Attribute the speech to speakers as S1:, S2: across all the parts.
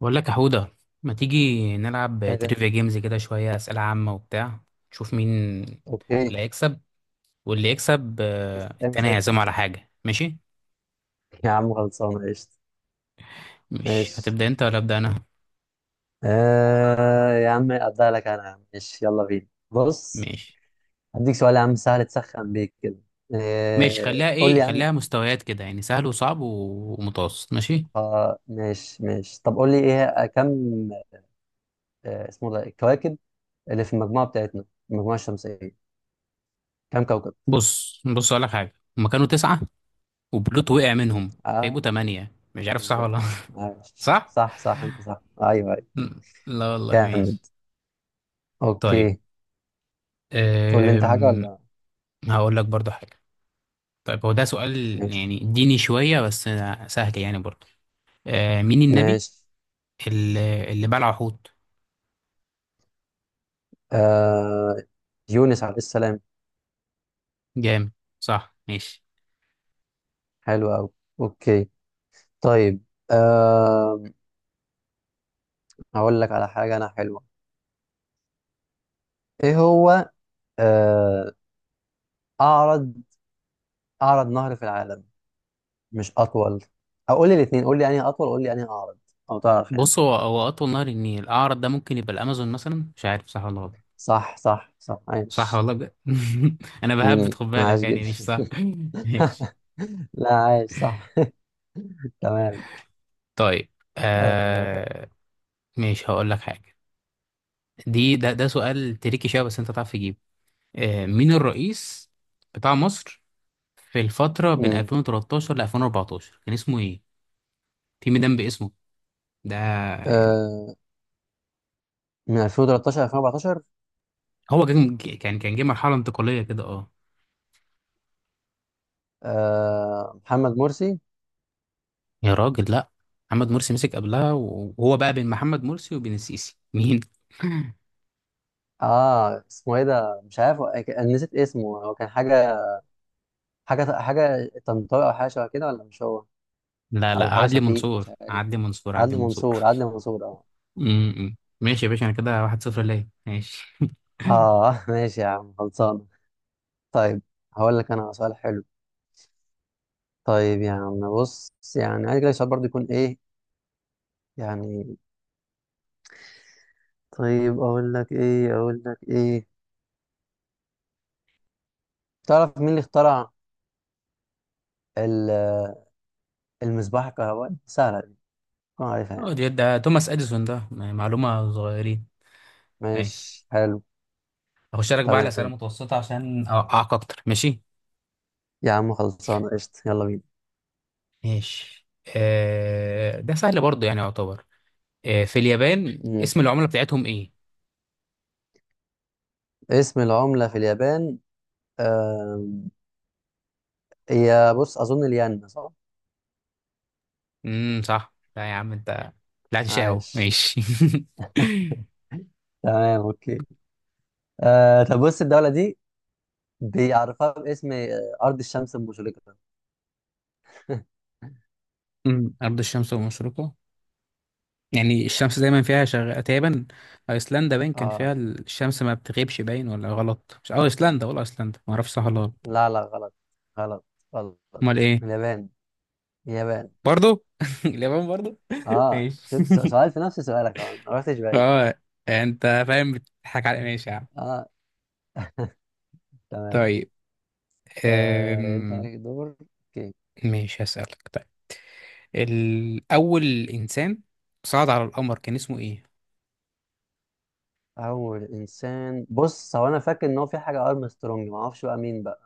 S1: بقول لك يا حودة، ما تيجي نلعب
S2: يا غالي.
S1: تريفيا جيمز كده شوية أسئلة عامة وبتاع نشوف مين
S2: اوكي.
S1: اللي هيكسب، واللي يكسب،
S2: مفيش
S1: آه،
S2: اي
S1: التاني
S2: مشاكل.
S1: هيعزمه على حاجة. ماشي.
S2: يا عم، خلصانه قشطه.
S1: مش
S2: ماشي.
S1: هتبدأ انت ولا أبدأ أنا؟
S2: يا عم ابدا لك انا، يا عم، ماشي يلا بينا. بص،
S1: ماشي
S2: هديك سؤال يا عم سهل تسخن بيك كده.
S1: ماشي. خليها
S2: قول لي
S1: ايه،
S2: يا عم.
S1: خليها مستويات كده يعني سهل وصعب ومتوسط. ماشي.
S2: ماشي ماشي، طب قول لي ايه، كم. اسمه ده الكواكب اللي في المجموعه بتاعتنا، المجموعه الشمسيه، كم كوكب؟
S1: بص بص، أقول لك حاجة. هما كانوا تسعة وبلوت وقع منهم فيبقوا
S2: اه،
S1: تمانية، مش عارف صح ولا.
S2: بالظبط، عاش،
S1: صح؟
S2: صح صح، انت صح، ايوه ايوه.
S1: لا والله،
S2: جامد.
S1: ماشي. طيب.
S2: اوكي. تقول لي انت حاجه
S1: أم...
S2: ولا؟
S1: هقول لك برضو حاجة. طيب، هو ده سؤال
S2: ماشي.
S1: يعني ديني شوية بس، سهل يعني برضه. آه، مين النبي
S2: ماشي،
S1: اللي بلع حوت.
S2: آه يونس عليه السلام.
S1: جامد، صح، ماشي.
S2: حلو أوي. أوكي. طيب. آه هقول لك على حاجة أنا حلوة، إيه هو. آه أعرض أعرض نهر في العالم، مش أطول. أقول لي الاتنين، قول لي أنهي أطول، قول لي أنهي أعرض. أو تعرف يعني.
S1: بص، هو أطول نهر النيل، الأعرض ده ممكن يبقى الأمازون مثلا، مش عارف صح ولا غلط.
S2: صح صح صح،
S1: صح
S2: عايش.
S1: والله بجد، أنا بهبت، خد
S2: عايش
S1: بالك يعني
S2: جدا.
S1: مش صح. ماشي.
S2: لا، عايش صح. تمام.
S1: طيب.
S2: آه
S1: آه، ماشي هقول لك حاجة. دي ده ده سؤال تريكي شوية بس أنت تعرف تجيبه. آه، مين الرئيس بتاع مصر في الفترة بين
S2: امم
S1: 2013 ل 2014 كان اسمه إيه؟ في ميدان باسمه ده يعني.
S2: آه من 2013 2014.
S1: هو كان جه مرحله انتقاليه كده، اه.
S2: محمد مرسي.
S1: يا راجل لا، محمد مرسي مسك قبلها وهو بقى بين محمد مرسي وبين السيسي مين.
S2: اه اسمه ايه ده، مش عارف. أنا نسيت اسمه، هو كان حاجه طنطاوي، او حاجه شبه كده، ولا مش هو؟
S1: لا
S2: او
S1: لا،
S2: حاجه
S1: عدلي
S2: شفيق، مش
S1: منصور،
S2: عارف.
S1: عدلي منصور،
S2: عدلي
S1: عدلي منصور.
S2: منصور، عدلي منصور، اه.
S1: امم، ماشي يا باشا، انا كده 1-0 ليا، ماشي.
S2: اه ماشي يا عم خلصان. طيب هقول لك انا سؤال حلو. طيب يا عم بص، يعني عايز لك سؤال برضه يكون ايه يعني. طيب اقول لك ايه. تعرف مين اللي اخترع ال- المصباح الكهربائي؟ سهله دي، تكون عارفها يعني.
S1: اه، ده توماس اديسون، ده يعني معلومه صغيرين. ماشي.
S2: ماشي، حلو.
S1: هخش لك بقى على اسئله
S2: تمام
S1: متوسطه عشان اوقعك اكتر، ماشي.
S2: يا عم، خلصانه قشطه، يلا
S1: ماشي. آه، ده سهل برضه يعني يعتبر. آه، في اليابان
S2: بينا.
S1: اسم العملة بتاعتهم ايه؟
S2: اسم العملة في اليابان، آم، هي بص، أظن الين، صح؟
S1: صح، لا يا عم انت طلعت شقي اهو،
S2: عاش.
S1: ماشي.
S2: تمام. أوكي. طب بص، الدولة دي بيعرفها باسم أرض الشمس المشرقة.
S1: أمم، أرض الشمس ومشرقها، يعني الشمس دايما فيها شغ... تقريبا. أيسلندا باين كان
S2: آه
S1: فيها الشمس ما بتغيبش، باين ولا غلط، مش أه أيسلندا ولا أيسلندا، ما أعرفش صح ولا غلط.
S2: لا لا، غلط غلط غلط.
S1: أمال إيه.
S2: اليابان، اليابان.
S1: برضو اليابان برضو. ماشي.
S2: شفت سؤال في نفس سؤالك، ما رحتش بعيد.
S1: أه، أنت فاهم بتضحك على، ماشي يا عم.
S2: آه تمام.
S1: طيب.
S2: أنت
S1: أم...
S2: عليك دور. أوكي.
S1: ماشي هسألك طيب. الأول إنسان صعد على القمر كان اسمه إيه؟
S2: أول إنسان، بص هو أنا فاكر إن هو في حاجة أرمسترونج، ما أعرفش بقى مين بقى.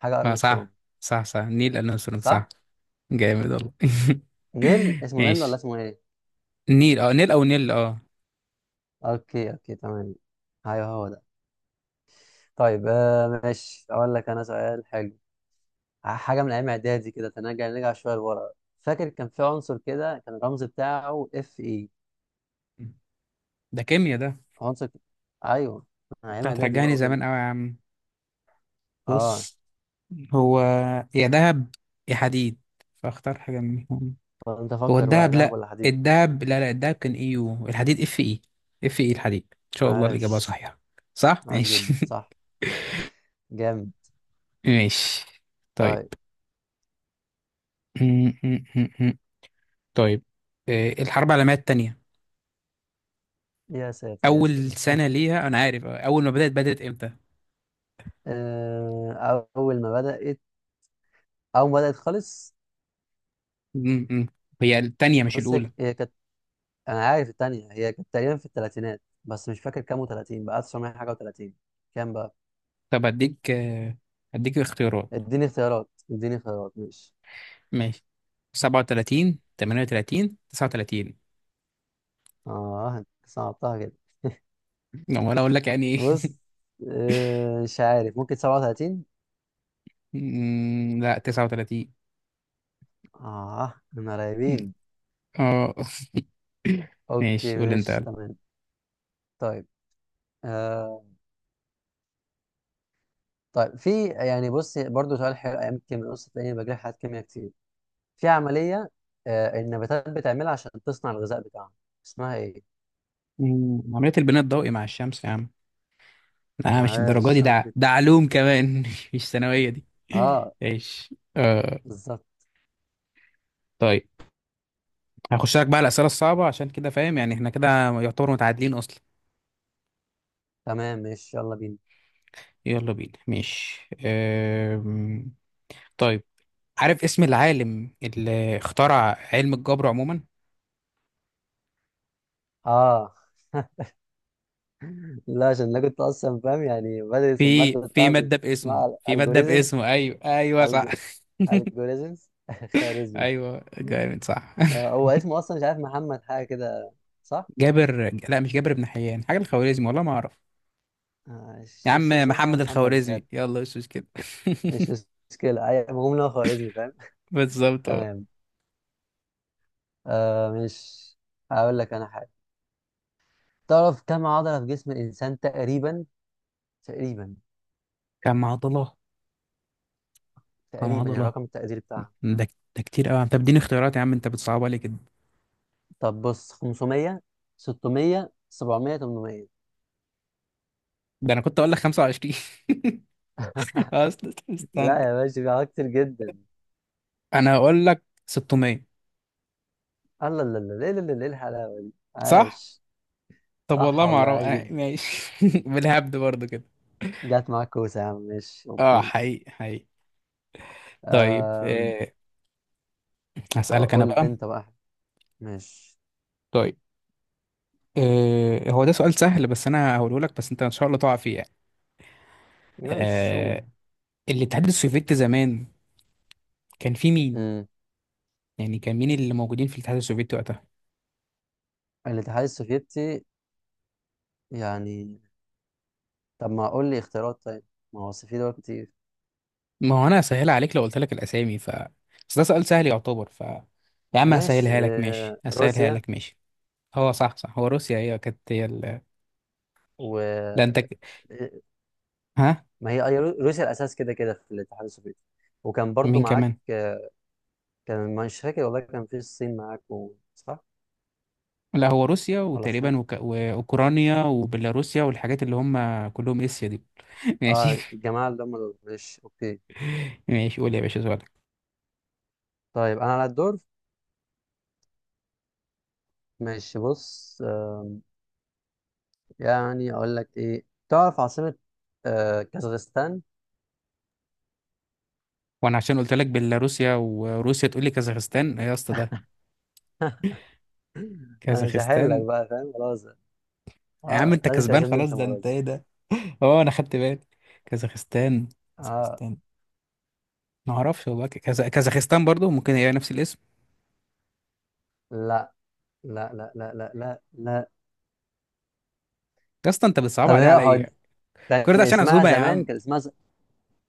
S2: حاجة
S1: آه،
S2: أرمسترونج،
S1: صح صح صح، نيل أرمسترونج،
S2: صح؟
S1: صح. جامد والله.
S2: نيل، اسمه نيل
S1: ماشي.
S2: ولا اسمه ايه؟
S1: نيل، نيل أو نيل،
S2: اوكي اوكي تمام، ايوه هو ده. طيب ماشي، اقول لك انا سؤال حلو، حاجه من ايام اعدادي كده، نرجع شويه لورا. فاكر كان في عنصر كده كان الرمز بتاعه اف اي؟
S1: ده كيميا ده.
S2: عنصر ك- ايوه،
S1: أنت
S2: ايام اعدادي بقى
S1: هترجعني
S2: وكده.
S1: زمان أوي يا عم.
S2: اه
S1: بص، هو يا دهب يا حديد، فاختار حاجة منهم.
S2: طب انت
S1: هو
S2: فكر بقى،
S1: الدهب
S2: ذهب
S1: لأ،
S2: ولا حديد؟
S1: الدهب لا لا، الدهب كان إيه، يو الحديد اف اي. اف اي الحديد، إن شاء الله الإجابة
S2: عاش،
S1: صحيحة. صح؟
S2: عاش
S1: ماشي.
S2: جدا، صح. جامد.
S1: ماشي. طيب.
S2: طيب.
S1: طيب. آه، الحرب العالمية التانية
S2: يا ساتر يا
S1: أول
S2: ساتر.
S1: سنة ليها أنا عارف، آه، أول ما بدأت بدأت إمتى؟
S2: آه اول ما بدات اول ما بدات خالص.
S1: م- م. هي التانية مش
S2: بص هي
S1: الأولى.
S2: كانت، انا عارف التانية هي كانت تقريبا في الثلاثينات، بس مش فاكر كام، و30 بقى 900 حاجه و30، كام بقى.
S1: طب أديك، آه، أديك اختيارات.
S2: اديني اختيارات مش.
S1: ماشي. 37، 38، 39.
S2: اه انت صعبتها كده.
S1: لا، ولا أقول لك يعني إيه.
S2: بص، مش عارف، ممكن 37.
S1: م، لا 39.
S2: اه، احنا
S1: م.
S2: قريبين.
S1: أه.
S2: اوكي،
S1: ماشي قول أنت
S2: مش
S1: يلا.
S2: تمام. طيب. آه طيب في يعني بص برضو سؤال حلو، ايام الكيمياء بص تلاقيني بجري حاجات كيمياء كتير. في عمليه النباتات بتعملها عشان تصنع الغذاء بتاعها، اسمها ايه؟
S1: م، عملية البناء الضوئي مع الشمس يا عم. لا مش الدرجة
S2: عاش،
S1: دي،
S2: عاش
S1: ده ده
S2: جدا.
S1: علوم كمان، مش ثانوية دي.
S2: اه،
S1: ماشي، أه.
S2: بالظبط.
S1: طيب. هخش لك بقى الأسئلة الصعبة عشان كده فاهم، يعني احنا كده يعتبر متعادلين أصلا.
S2: تمام، ماشي، يلا بينا.
S1: يلا بينا ماشي. طيب، عارف اسم العالم اللي اخترع علم الجبر عموما.
S2: اه لا، عشان انا كنت اصلا فاهم، يعني بدرس
S1: في
S2: الماده
S1: في
S2: بتاعتي
S1: مادة باسمه
S2: اسمها
S1: في مادة
S2: الجوريزمز.
S1: باسمه أيوه أيوه، صح.
S2: الجوريزمز خوارزمي.
S1: أيوه، جامد، صح.
S2: هو اسمه اصلا مش عارف، محمد حاجه كده، صح؟
S1: جابر، لا مش جابر بن حيان، حاجة الخوارزمي، والله ما أعرف. يا عم
S2: اسمه حاجه
S1: محمد
S2: محمد، مش
S1: الخوارزمي،
S2: عارف.
S1: يلا مش كده.
S2: مش مشكله، المهم ان هو خوارزمي، فاهم.
S1: بالظبط أهو.
S2: تمام. آه مش هقول لك انا حاجه. تعرف كم عضله في جسم الانسان تقريبا؟ تقريبا
S1: كم عضلة كم
S2: يعني
S1: عضلة
S2: رقم التقدير بتاعها.
S1: ده ده كتير قوي، طب اديني اختيارات يا عم، انت بتصعبها لي كده.
S2: طب بص، 500 600 700 800.
S1: ده انا كنت اقول لك 25. أست- استنى.
S2: لا يا باشا، في حاجات كتير جدا.
S1: انا هقول لك 600.
S2: الله، لا لا لا لا لا، الحلاوه دي،
S1: صح.
S2: عاش.
S1: طب
S2: صح
S1: والله ما
S2: والله،
S1: اعرف،
S2: عاش
S1: آه
S2: جدا،
S1: ماشي، بالهبد برضو كده.
S2: جت معاك كوسه يا عم، ماشي،
S1: اه،
S2: اوكي.
S1: حقيقي حقيقي. طيب.
S2: أم،
S1: آه، هسألك انا
S2: اقول لي
S1: بقى.
S2: انت بقى. ماشي.
S1: طيب، آه، هو ده سؤال سهل بس انا هقوله لك بس انت ان شاء الله تقع فيه يعني.
S2: ماشي، قول.
S1: آه، الاتحاد السوفيتي زمان كان فيه مين،
S2: امم
S1: يعني كان مين اللي موجودين في الاتحاد السوفيتي وقتها.
S2: الاتحاد السوفيتي، يعني. طب ما اقول لي اختيارات، طيب. ما هو أصل في دول كتير.
S1: ما هو انا هسهلها عليك لو قلت لك الاسامي ف، بس ده سؤال سهل يعتبر ف، يا عم
S2: ماشي،
S1: هسهلها لك ماشي هسهلها
S2: روسيا.
S1: لك ماشي هو صح صح، هو روسيا هي كانت هي ال...
S2: و
S1: لا انت ك-. ها.
S2: ما هي روسيا الاساس كده كده في الاتحاد السوفيتي، وكان برضو
S1: مين
S2: معاك
S1: كمان.
S2: كان مش فاكر والله، كان في الصين معاكم، صح؟
S1: لا هو روسيا
S2: ولا
S1: وتقريبا
S2: الصين.
S1: وك... واوكرانيا وبيلاروسيا، والحاجات اللي هم كلهم اسيا دي. ماشي.
S2: اه، الجماعة اللي هم دول، ماشي، اوكي.
S1: ماشي، قول يا باشا سؤالك.
S2: طيب انا على الدور. ماشي، بص، يعني اقول لك ايه؟ تعرف عاصمة كازاخستان؟
S1: وانا عشان قلت لك بيلاروسيا وروسيا تقول لي كازاخستان، ايه يا اسطى ده.
S2: انا مش هحلك
S1: كازاخستان،
S2: بقى، فاهم خلاص.
S1: يا عم
S2: اه،
S1: انت
S2: لازم
S1: كسبان
S2: تعزمني
S1: خلاص،
S2: انت
S1: ده
S2: مرة
S1: انت
S2: دي.
S1: ايه ده. اه انا خدت بالي. كازاخستان.
S2: اه،
S1: كازاخستان، ما اعرفش هو بقى كذا... كازاخستان برضو ممكن هي نفس الاسم.
S2: لا لا لا لا لا لا لا.
S1: يا اسطى انت بتصعب
S2: طب
S1: عليه
S2: هي
S1: عليا.
S2: كان
S1: كل ده عشان
S2: اسمها
S1: عزومه يا
S2: زمان،
S1: عم.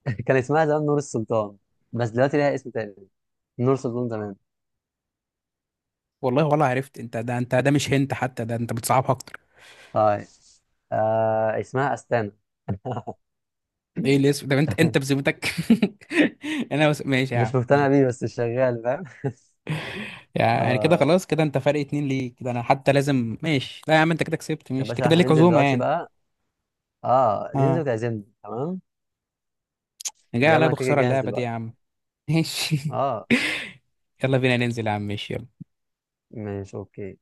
S2: كان اسمها زمان نور السلطان، بس دلوقتي ليها اسم تاني. نور السلطان زمان.
S1: والله ولا عرفت، انت ده انت ده مش هنت حتى، ده انت بتصعبها اكتر.
S2: طيب اسمها أستانا.
S1: ايه الاسم ده، انت بذمتك. انا بس ماشي يا
S2: مش
S1: عم
S2: مقتنع
S1: ماشي.
S2: بيه، بس شغال، فاهم.
S1: يعني كده
S2: آه
S1: خلاص، كده انت فرق اتنين ليك كده، انا حتى لازم ماشي، لا يا عم انت كده كسبت،
S2: يا
S1: ماشي انت
S2: باشا،
S1: كده
S2: احنا
S1: ليك
S2: ننزل
S1: عزومة
S2: دلوقتي
S1: يعني.
S2: بقى. اه، ننزل
S1: اه.
S2: وتعزمني، تمام.
S1: انا جاي
S2: يلا،
S1: عليا
S2: انا كده كده
S1: بخسارة
S2: جاهز
S1: اللعبة دي يا
S2: دلوقتي.
S1: عم. ماشي.
S2: اه،
S1: يلا بينا ننزل يا عم، ماشي يلا.
S2: ماشي، اوكي.